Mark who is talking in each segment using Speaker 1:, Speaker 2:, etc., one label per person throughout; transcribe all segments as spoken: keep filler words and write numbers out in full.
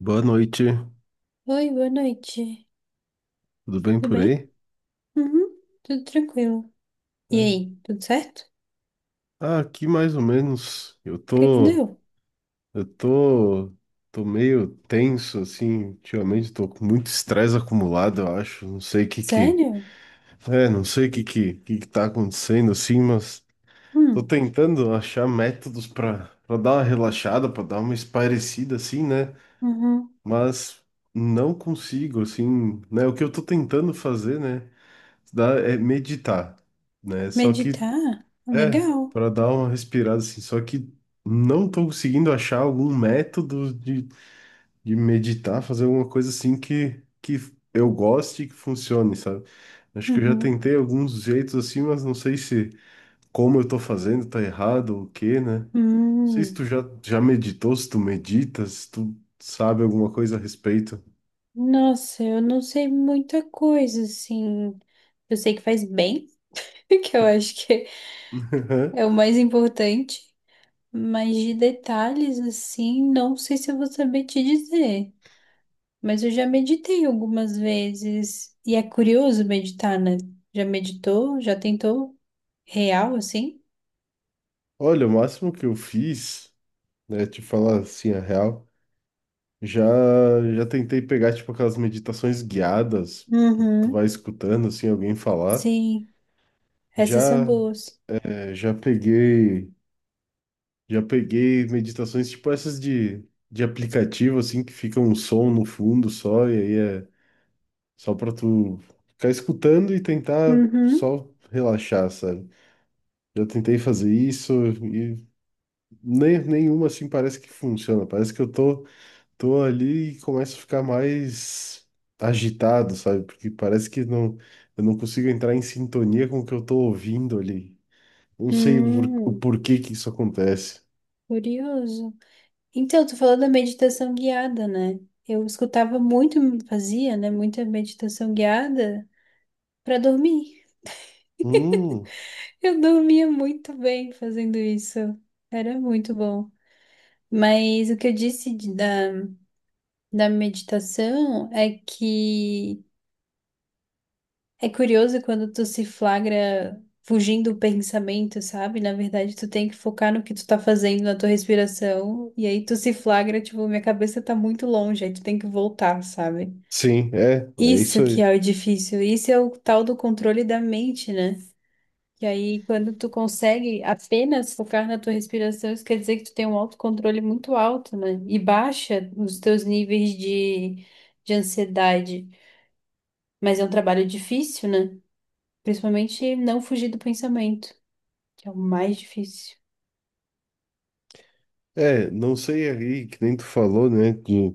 Speaker 1: Boa noite,
Speaker 2: Oi, boa noite.
Speaker 1: tudo bem
Speaker 2: Tudo
Speaker 1: por
Speaker 2: bem?
Speaker 1: aí?
Speaker 2: Uhum, tudo tranquilo. E
Speaker 1: É.
Speaker 2: aí, tudo certo? O
Speaker 1: Ah, aqui mais ou menos. Eu
Speaker 2: que que
Speaker 1: tô,
Speaker 2: deu?
Speaker 1: eu tô, tô meio tenso assim, ultimamente tô com muito estresse acumulado, eu acho. Não sei o que que,
Speaker 2: Sério?
Speaker 1: é, Não sei o que que, que que tá acontecendo assim, mas tô
Speaker 2: Hum,
Speaker 1: tentando achar métodos pra para dar uma relaxada, pra dar uma espairecida assim, né?
Speaker 2: uhum.
Speaker 1: Mas não consigo assim, né? O que eu tô tentando fazer, né? dá- É meditar, né? Só que
Speaker 2: Meditar?
Speaker 1: é,
Speaker 2: Legal.
Speaker 1: para dar uma respirada assim. Só que não tô conseguindo achar algum método de, de meditar, fazer alguma coisa assim que, que eu goste e que funcione, sabe? Acho que eu já
Speaker 2: Uhum.
Speaker 1: tentei alguns jeitos assim, mas não sei se como eu tô fazendo tá errado ou o quê, né? Não sei se tu
Speaker 2: Hum.
Speaker 1: já, já meditou, se tu meditas, se tu sabe alguma coisa a respeito.
Speaker 2: Nossa, eu não sei muita coisa, assim. Eu sei que faz bem, que eu acho que é o mais importante. Mas de detalhes, assim, não sei se eu vou saber te dizer. Mas eu já meditei algumas vezes. E é curioso meditar, né? Já meditou? Já tentou? Real, assim?
Speaker 1: Olha, o máximo que eu fiz, né, te falar assim a real. Já, já tentei pegar, tipo, aquelas meditações guiadas que tu vai
Speaker 2: Uhum.
Speaker 1: escutando, assim, alguém falar.
Speaker 2: Sim, essas são
Speaker 1: Já,
Speaker 2: boas.
Speaker 1: é, já peguei, já peguei meditações, tipo, essas de, de aplicativo, assim, que fica um som no fundo só, e aí é só pra tu ficar escutando e tentar
Speaker 2: Uhum.
Speaker 1: só relaxar, sabe? Já tentei fazer isso e nem, nenhuma, assim, parece que funciona. Parece que eu tô, tô ali e começo a ficar mais agitado, sabe? Porque parece que não, eu não consigo entrar em sintonia com o que eu tô ouvindo ali. Não sei por- o
Speaker 2: Hum.
Speaker 1: porquê que isso acontece.
Speaker 2: Curioso. Então, tu falou da meditação guiada, né? Eu escutava muito, fazia, né? Muita meditação guiada para dormir.
Speaker 1: Hum,
Speaker 2: Eu dormia muito bem fazendo isso. Era muito bom. Mas o que eu disse de- da da meditação é que é curioso quando tu se flagra fugindo do pensamento, sabe? Na verdade, tu tem que focar no que tu tá fazendo, na tua respiração, e aí tu se flagra, tipo, minha cabeça tá muito longe, aí tu tem que voltar, sabe?
Speaker 1: sim, é, é isso
Speaker 2: Isso que
Speaker 1: aí.
Speaker 2: é o difícil, isso é o tal do controle da mente, né? E aí, quando tu consegue apenas focar na tua respiração, isso quer dizer que tu tem um autocontrole muito alto, né? E baixa os teus níveis de, de ansiedade. Mas é um trabalho difícil, né? Principalmente não fugir do pensamento, que é o mais difícil.
Speaker 1: É, não sei aí, que nem tu falou, né, de,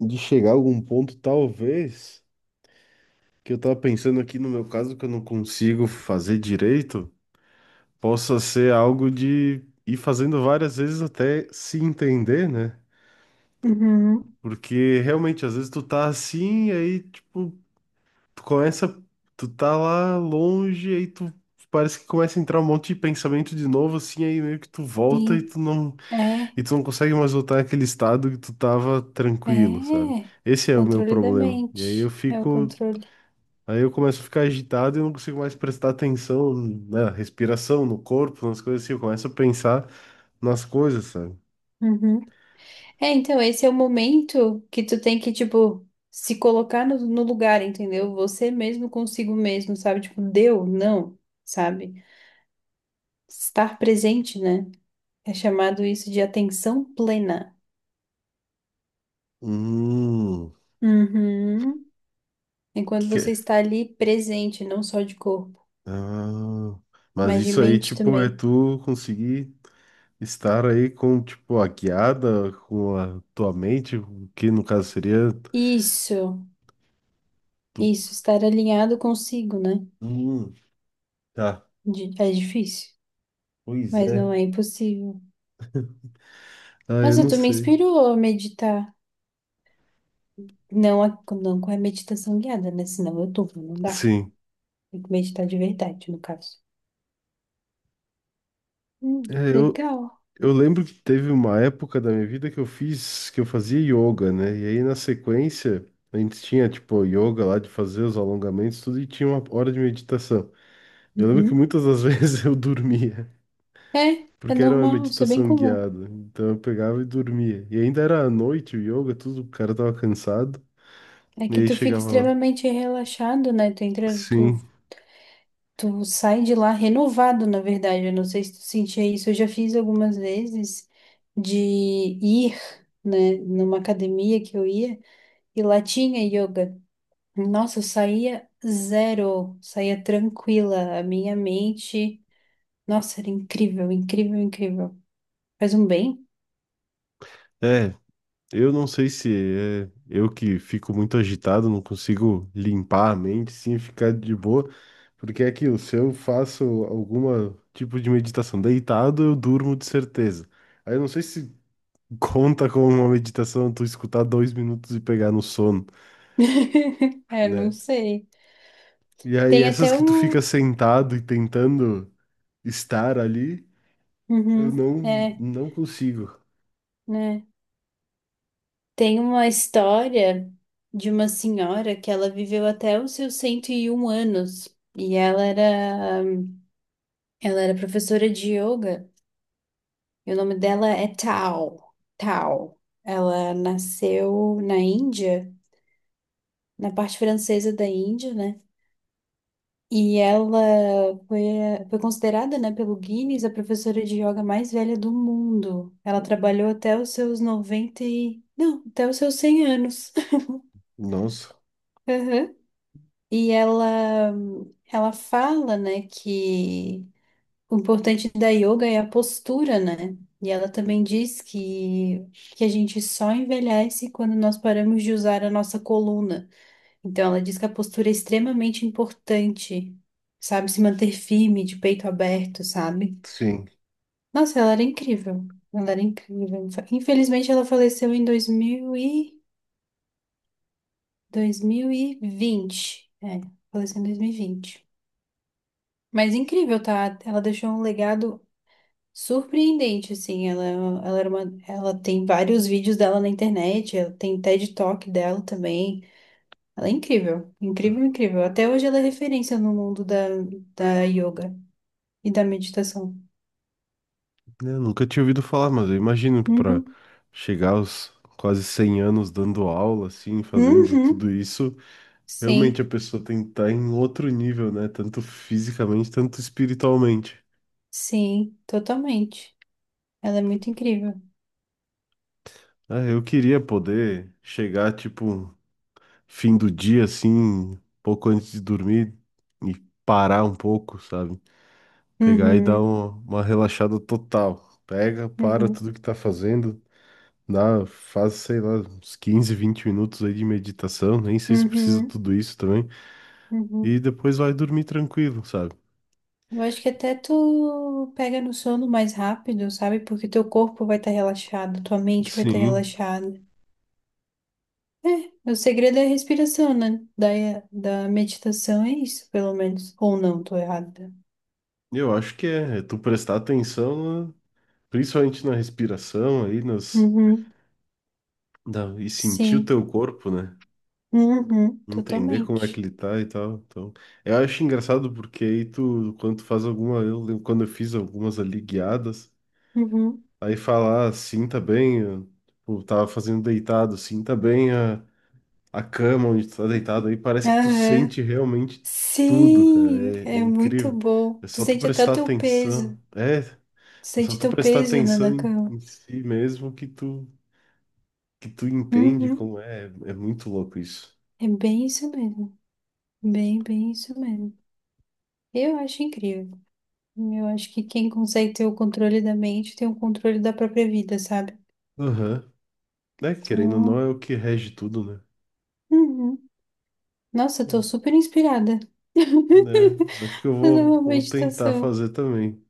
Speaker 1: de chegar a algum ponto, talvez, que eu tava pensando aqui no meu caso, que eu não consigo fazer direito, possa ser algo de ir fazendo várias vezes até se entender, né?
Speaker 2: Uhum.
Speaker 1: Porque realmente, às vezes tu tá assim, aí, tipo, tu começa, tu tá lá longe, aí tu parece que começa a entrar um monte de pensamento de novo, assim, aí meio que tu volta e
Speaker 2: Sim,
Speaker 1: tu não,
Speaker 2: é,
Speaker 1: e tu não consegue mais voltar naquele estado que tu tava tranquilo, sabe?
Speaker 2: é.
Speaker 1: Esse é o meu
Speaker 2: Controle da
Speaker 1: problema. E aí eu
Speaker 2: mente. É o
Speaker 1: fico,
Speaker 2: controle.
Speaker 1: aí eu começo a ficar agitado e eu não consigo mais prestar atenção na respiração, no corpo, nas coisas assim, eu começo a pensar nas coisas, sabe?
Speaker 2: Uhum. É, então, esse é o momento que tu tem que, tipo, se colocar no, no lugar, entendeu? Você mesmo consigo mesmo, sabe? Tipo, deu, não, sabe? Estar presente, né? É chamado isso de atenção plena.
Speaker 1: Hum.
Speaker 2: Uhum. Enquanto você está ali presente, não só de corpo,
Speaker 1: Ah, mas
Speaker 2: mas de
Speaker 1: isso aí,
Speaker 2: mente
Speaker 1: tipo, é
Speaker 2: também.
Speaker 1: tu conseguir estar aí com, tipo, a guiada, com a tua mente, o que no caso seria.
Speaker 2: Isso,
Speaker 1: Tu...
Speaker 2: isso, estar alinhado consigo, né?
Speaker 1: Hum, tá.
Speaker 2: Di- É difícil,
Speaker 1: Pois
Speaker 2: mas não
Speaker 1: é.
Speaker 2: é impossível.
Speaker 1: Ah, eu
Speaker 2: Nossa,
Speaker 1: não
Speaker 2: tu me
Speaker 1: sei.
Speaker 2: inspirou a meditar. Não, a- não com a meditação guiada, né? Senão eu tô, não dá.
Speaker 1: Sim.
Speaker 2: Tem que meditar de verdade, no caso. Hum,
Speaker 1: É, eu,
Speaker 2: legal.
Speaker 1: eu lembro que teve uma época da minha vida que eu fiz, que eu fazia yoga, né? E aí na sequência, a gente tinha, tipo, yoga lá de fazer os alongamentos, tudo, e tinha uma hora de meditação. Eu lembro que
Speaker 2: Uhum.
Speaker 1: muitas das vezes eu dormia.
Speaker 2: É, é
Speaker 1: Porque era uma
Speaker 2: normal, isso é bem
Speaker 1: meditação
Speaker 2: comum.
Speaker 1: guiada. Então eu pegava e dormia. E ainda era à noite, o yoga, tudo, o cara tava cansado.
Speaker 2: É
Speaker 1: E
Speaker 2: que
Speaker 1: aí
Speaker 2: tu fica
Speaker 1: chegava lá.
Speaker 2: extremamente relaxado, né? Tu entra, tu
Speaker 1: Sim.
Speaker 2: Tu sai de lá renovado, na verdade. Eu não sei se tu sentia isso. Eu já fiz algumas vezes de ir, né, numa academia que eu ia e lá tinha yoga. Nossa, eu saía zero, saía tranquila. A minha mente, nossa, era incrível, incrível, incrível. Faz um bem?
Speaker 1: É, eu não sei se é eu que fico muito agitado, não consigo limpar a mente, sim, ficar de boa. Porque é aquilo, se eu faço alguma tipo de meditação deitado, eu durmo de certeza. Aí eu não sei se conta como uma meditação tu escutar dois minutos e pegar no sono,
Speaker 2: É, não
Speaker 1: né?
Speaker 2: sei.
Speaker 1: E aí
Speaker 2: Tem até
Speaker 1: essas que tu fica
Speaker 2: um.
Speaker 1: sentado e tentando estar ali, eu
Speaker 2: Uhum,
Speaker 1: não,
Speaker 2: é,
Speaker 1: não consigo.
Speaker 2: né. Tem uma história de uma senhora que ela viveu até os seus cento e um anos e ela era, ela era professora de yoga. E o nome dela é Tao. Tao. Ela nasceu na Índia, na parte francesa da Índia, né? E ela foi, a- foi considerada, né, pelo Guinness a professora de yoga mais velha do mundo. Ela trabalhou até os seus noventa e... Não, até os seus cem anos.
Speaker 1: Nossa,
Speaker 2: E ela, ela fala, né, que o importante da yoga é a postura, né? E ela também diz que, que a gente só envelhece quando nós paramos de usar a nossa coluna. Então, ela diz que a postura é extremamente importante, sabe? Se manter firme, de peito aberto, sabe?
Speaker 1: sim.
Speaker 2: Nossa, ela era incrível. Ela era incrível. Infelizmente, ela faleceu em dois mil e... dois mil e vinte. É, faleceu em dois mil e vinte. Mas incrível, tá? Ela deixou um legado surpreendente, assim. Ela, ela, era uma, ela tem vários vídeos dela na internet, ela tem TED Talk dela também. Ela é incrível, incrível, incrível. Até hoje ela é referência no mundo da, da yoga e da meditação.
Speaker 1: Eu nunca tinha ouvido falar, mas eu imagino para
Speaker 2: Uhum.
Speaker 1: chegar aos quase cem anos dando aula, assim, fazendo tudo
Speaker 2: Uhum.
Speaker 1: isso, realmente a
Speaker 2: Sim,
Speaker 1: pessoa tem que estar em outro nível, né? Tanto fisicamente, tanto espiritualmente.
Speaker 2: sim, totalmente. Ela é muito incrível.
Speaker 1: Ah, eu queria poder chegar, tipo, fim do dia, assim, pouco antes de dormir e parar um pouco, sabe? Pegar e dar
Speaker 2: Uhum.
Speaker 1: uma, uma relaxada total. Pega, para
Speaker 2: Uhum.
Speaker 1: tudo que tá fazendo, dá, faz, sei lá, uns quinze vinte minutos aí de meditação, nem sei se precisa
Speaker 2: Uhum.
Speaker 1: tudo isso também,
Speaker 2: Uhum.
Speaker 1: e depois vai dormir tranquilo, sabe?
Speaker 2: Eu acho que até tu pega no sono mais rápido, sabe? Porque teu corpo vai estar relaxado, tua mente vai estar
Speaker 1: Sim,
Speaker 2: relaxada. É, o segredo é a respiração, né? Da, da meditação é isso, pelo menos. Ou não, tô errada.
Speaker 1: eu acho que é, é tu prestar atenção, na- principalmente na respiração aí, nas,
Speaker 2: Uhum,
Speaker 1: na- e sentir o
Speaker 2: sim.
Speaker 1: teu corpo, né?
Speaker 2: Uhum,
Speaker 1: Entender como é que
Speaker 2: totalmente.
Speaker 1: ele tá e tal. Então, eu acho engraçado porque aí tu, quando tu faz alguma, eu lembro quando eu fiz algumas ali guiadas,
Speaker 2: Uhum.
Speaker 1: aí falar, sinta bem, eu, tipo, tava fazendo deitado, sinta bem a, a cama onde tu tá deitado, aí parece que tu
Speaker 2: Aham.
Speaker 1: sente realmente tudo, cara,
Speaker 2: Sim,
Speaker 1: é, é
Speaker 2: é muito
Speaker 1: incrível.
Speaker 2: bom.
Speaker 1: É
Speaker 2: Tu
Speaker 1: só tu
Speaker 2: sente até o
Speaker 1: prestar
Speaker 2: teu
Speaker 1: atenção,
Speaker 2: peso.
Speaker 1: é, é
Speaker 2: Tu
Speaker 1: só
Speaker 2: sente
Speaker 1: tu
Speaker 2: teu
Speaker 1: prestar
Speaker 2: peso, né,
Speaker 1: atenção
Speaker 2: na
Speaker 1: em,
Speaker 2: cama.
Speaker 1: em si mesmo que tu, que tu entende
Speaker 2: Uhum.
Speaker 1: como é, é muito louco isso.
Speaker 2: É bem isso mesmo. Bem, bem isso mesmo. Eu acho incrível. Eu acho que quem consegue ter o controle da mente tem o controle da própria vida, sabe?
Speaker 1: Aham, né, querendo ou não
Speaker 2: Então,
Speaker 1: é o que rege tudo, né?
Speaker 2: uhum. Nossa, eu tô
Speaker 1: Hum.
Speaker 2: super inspirada.
Speaker 1: Né, acho que eu
Speaker 2: Fazer
Speaker 1: vou,
Speaker 2: uma
Speaker 1: vou tentar
Speaker 2: meditação.
Speaker 1: fazer também.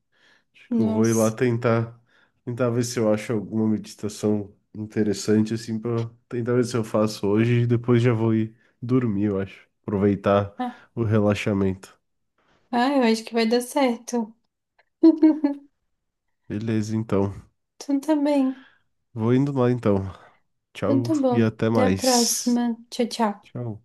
Speaker 1: Acho que eu vou ir lá
Speaker 2: Nossa.
Speaker 1: tentar, tentar ver se eu acho alguma meditação interessante, assim, para tentar ver se eu faço hoje e depois já vou ir dormir, eu acho. Aproveitar
Speaker 2: Ah,
Speaker 1: o relaxamento.
Speaker 2: ah, eu acho que vai dar certo.
Speaker 1: Beleza, então.
Speaker 2: Então tá bem.
Speaker 1: Vou indo lá, então.
Speaker 2: Então
Speaker 1: Tchau
Speaker 2: tá
Speaker 1: e
Speaker 2: bom.
Speaker 1: até
Speaker 2: Até a
Speaker 1: mais.
Speaker 2: próxima. Tchau, tchau.
Speaker 1: Tchau.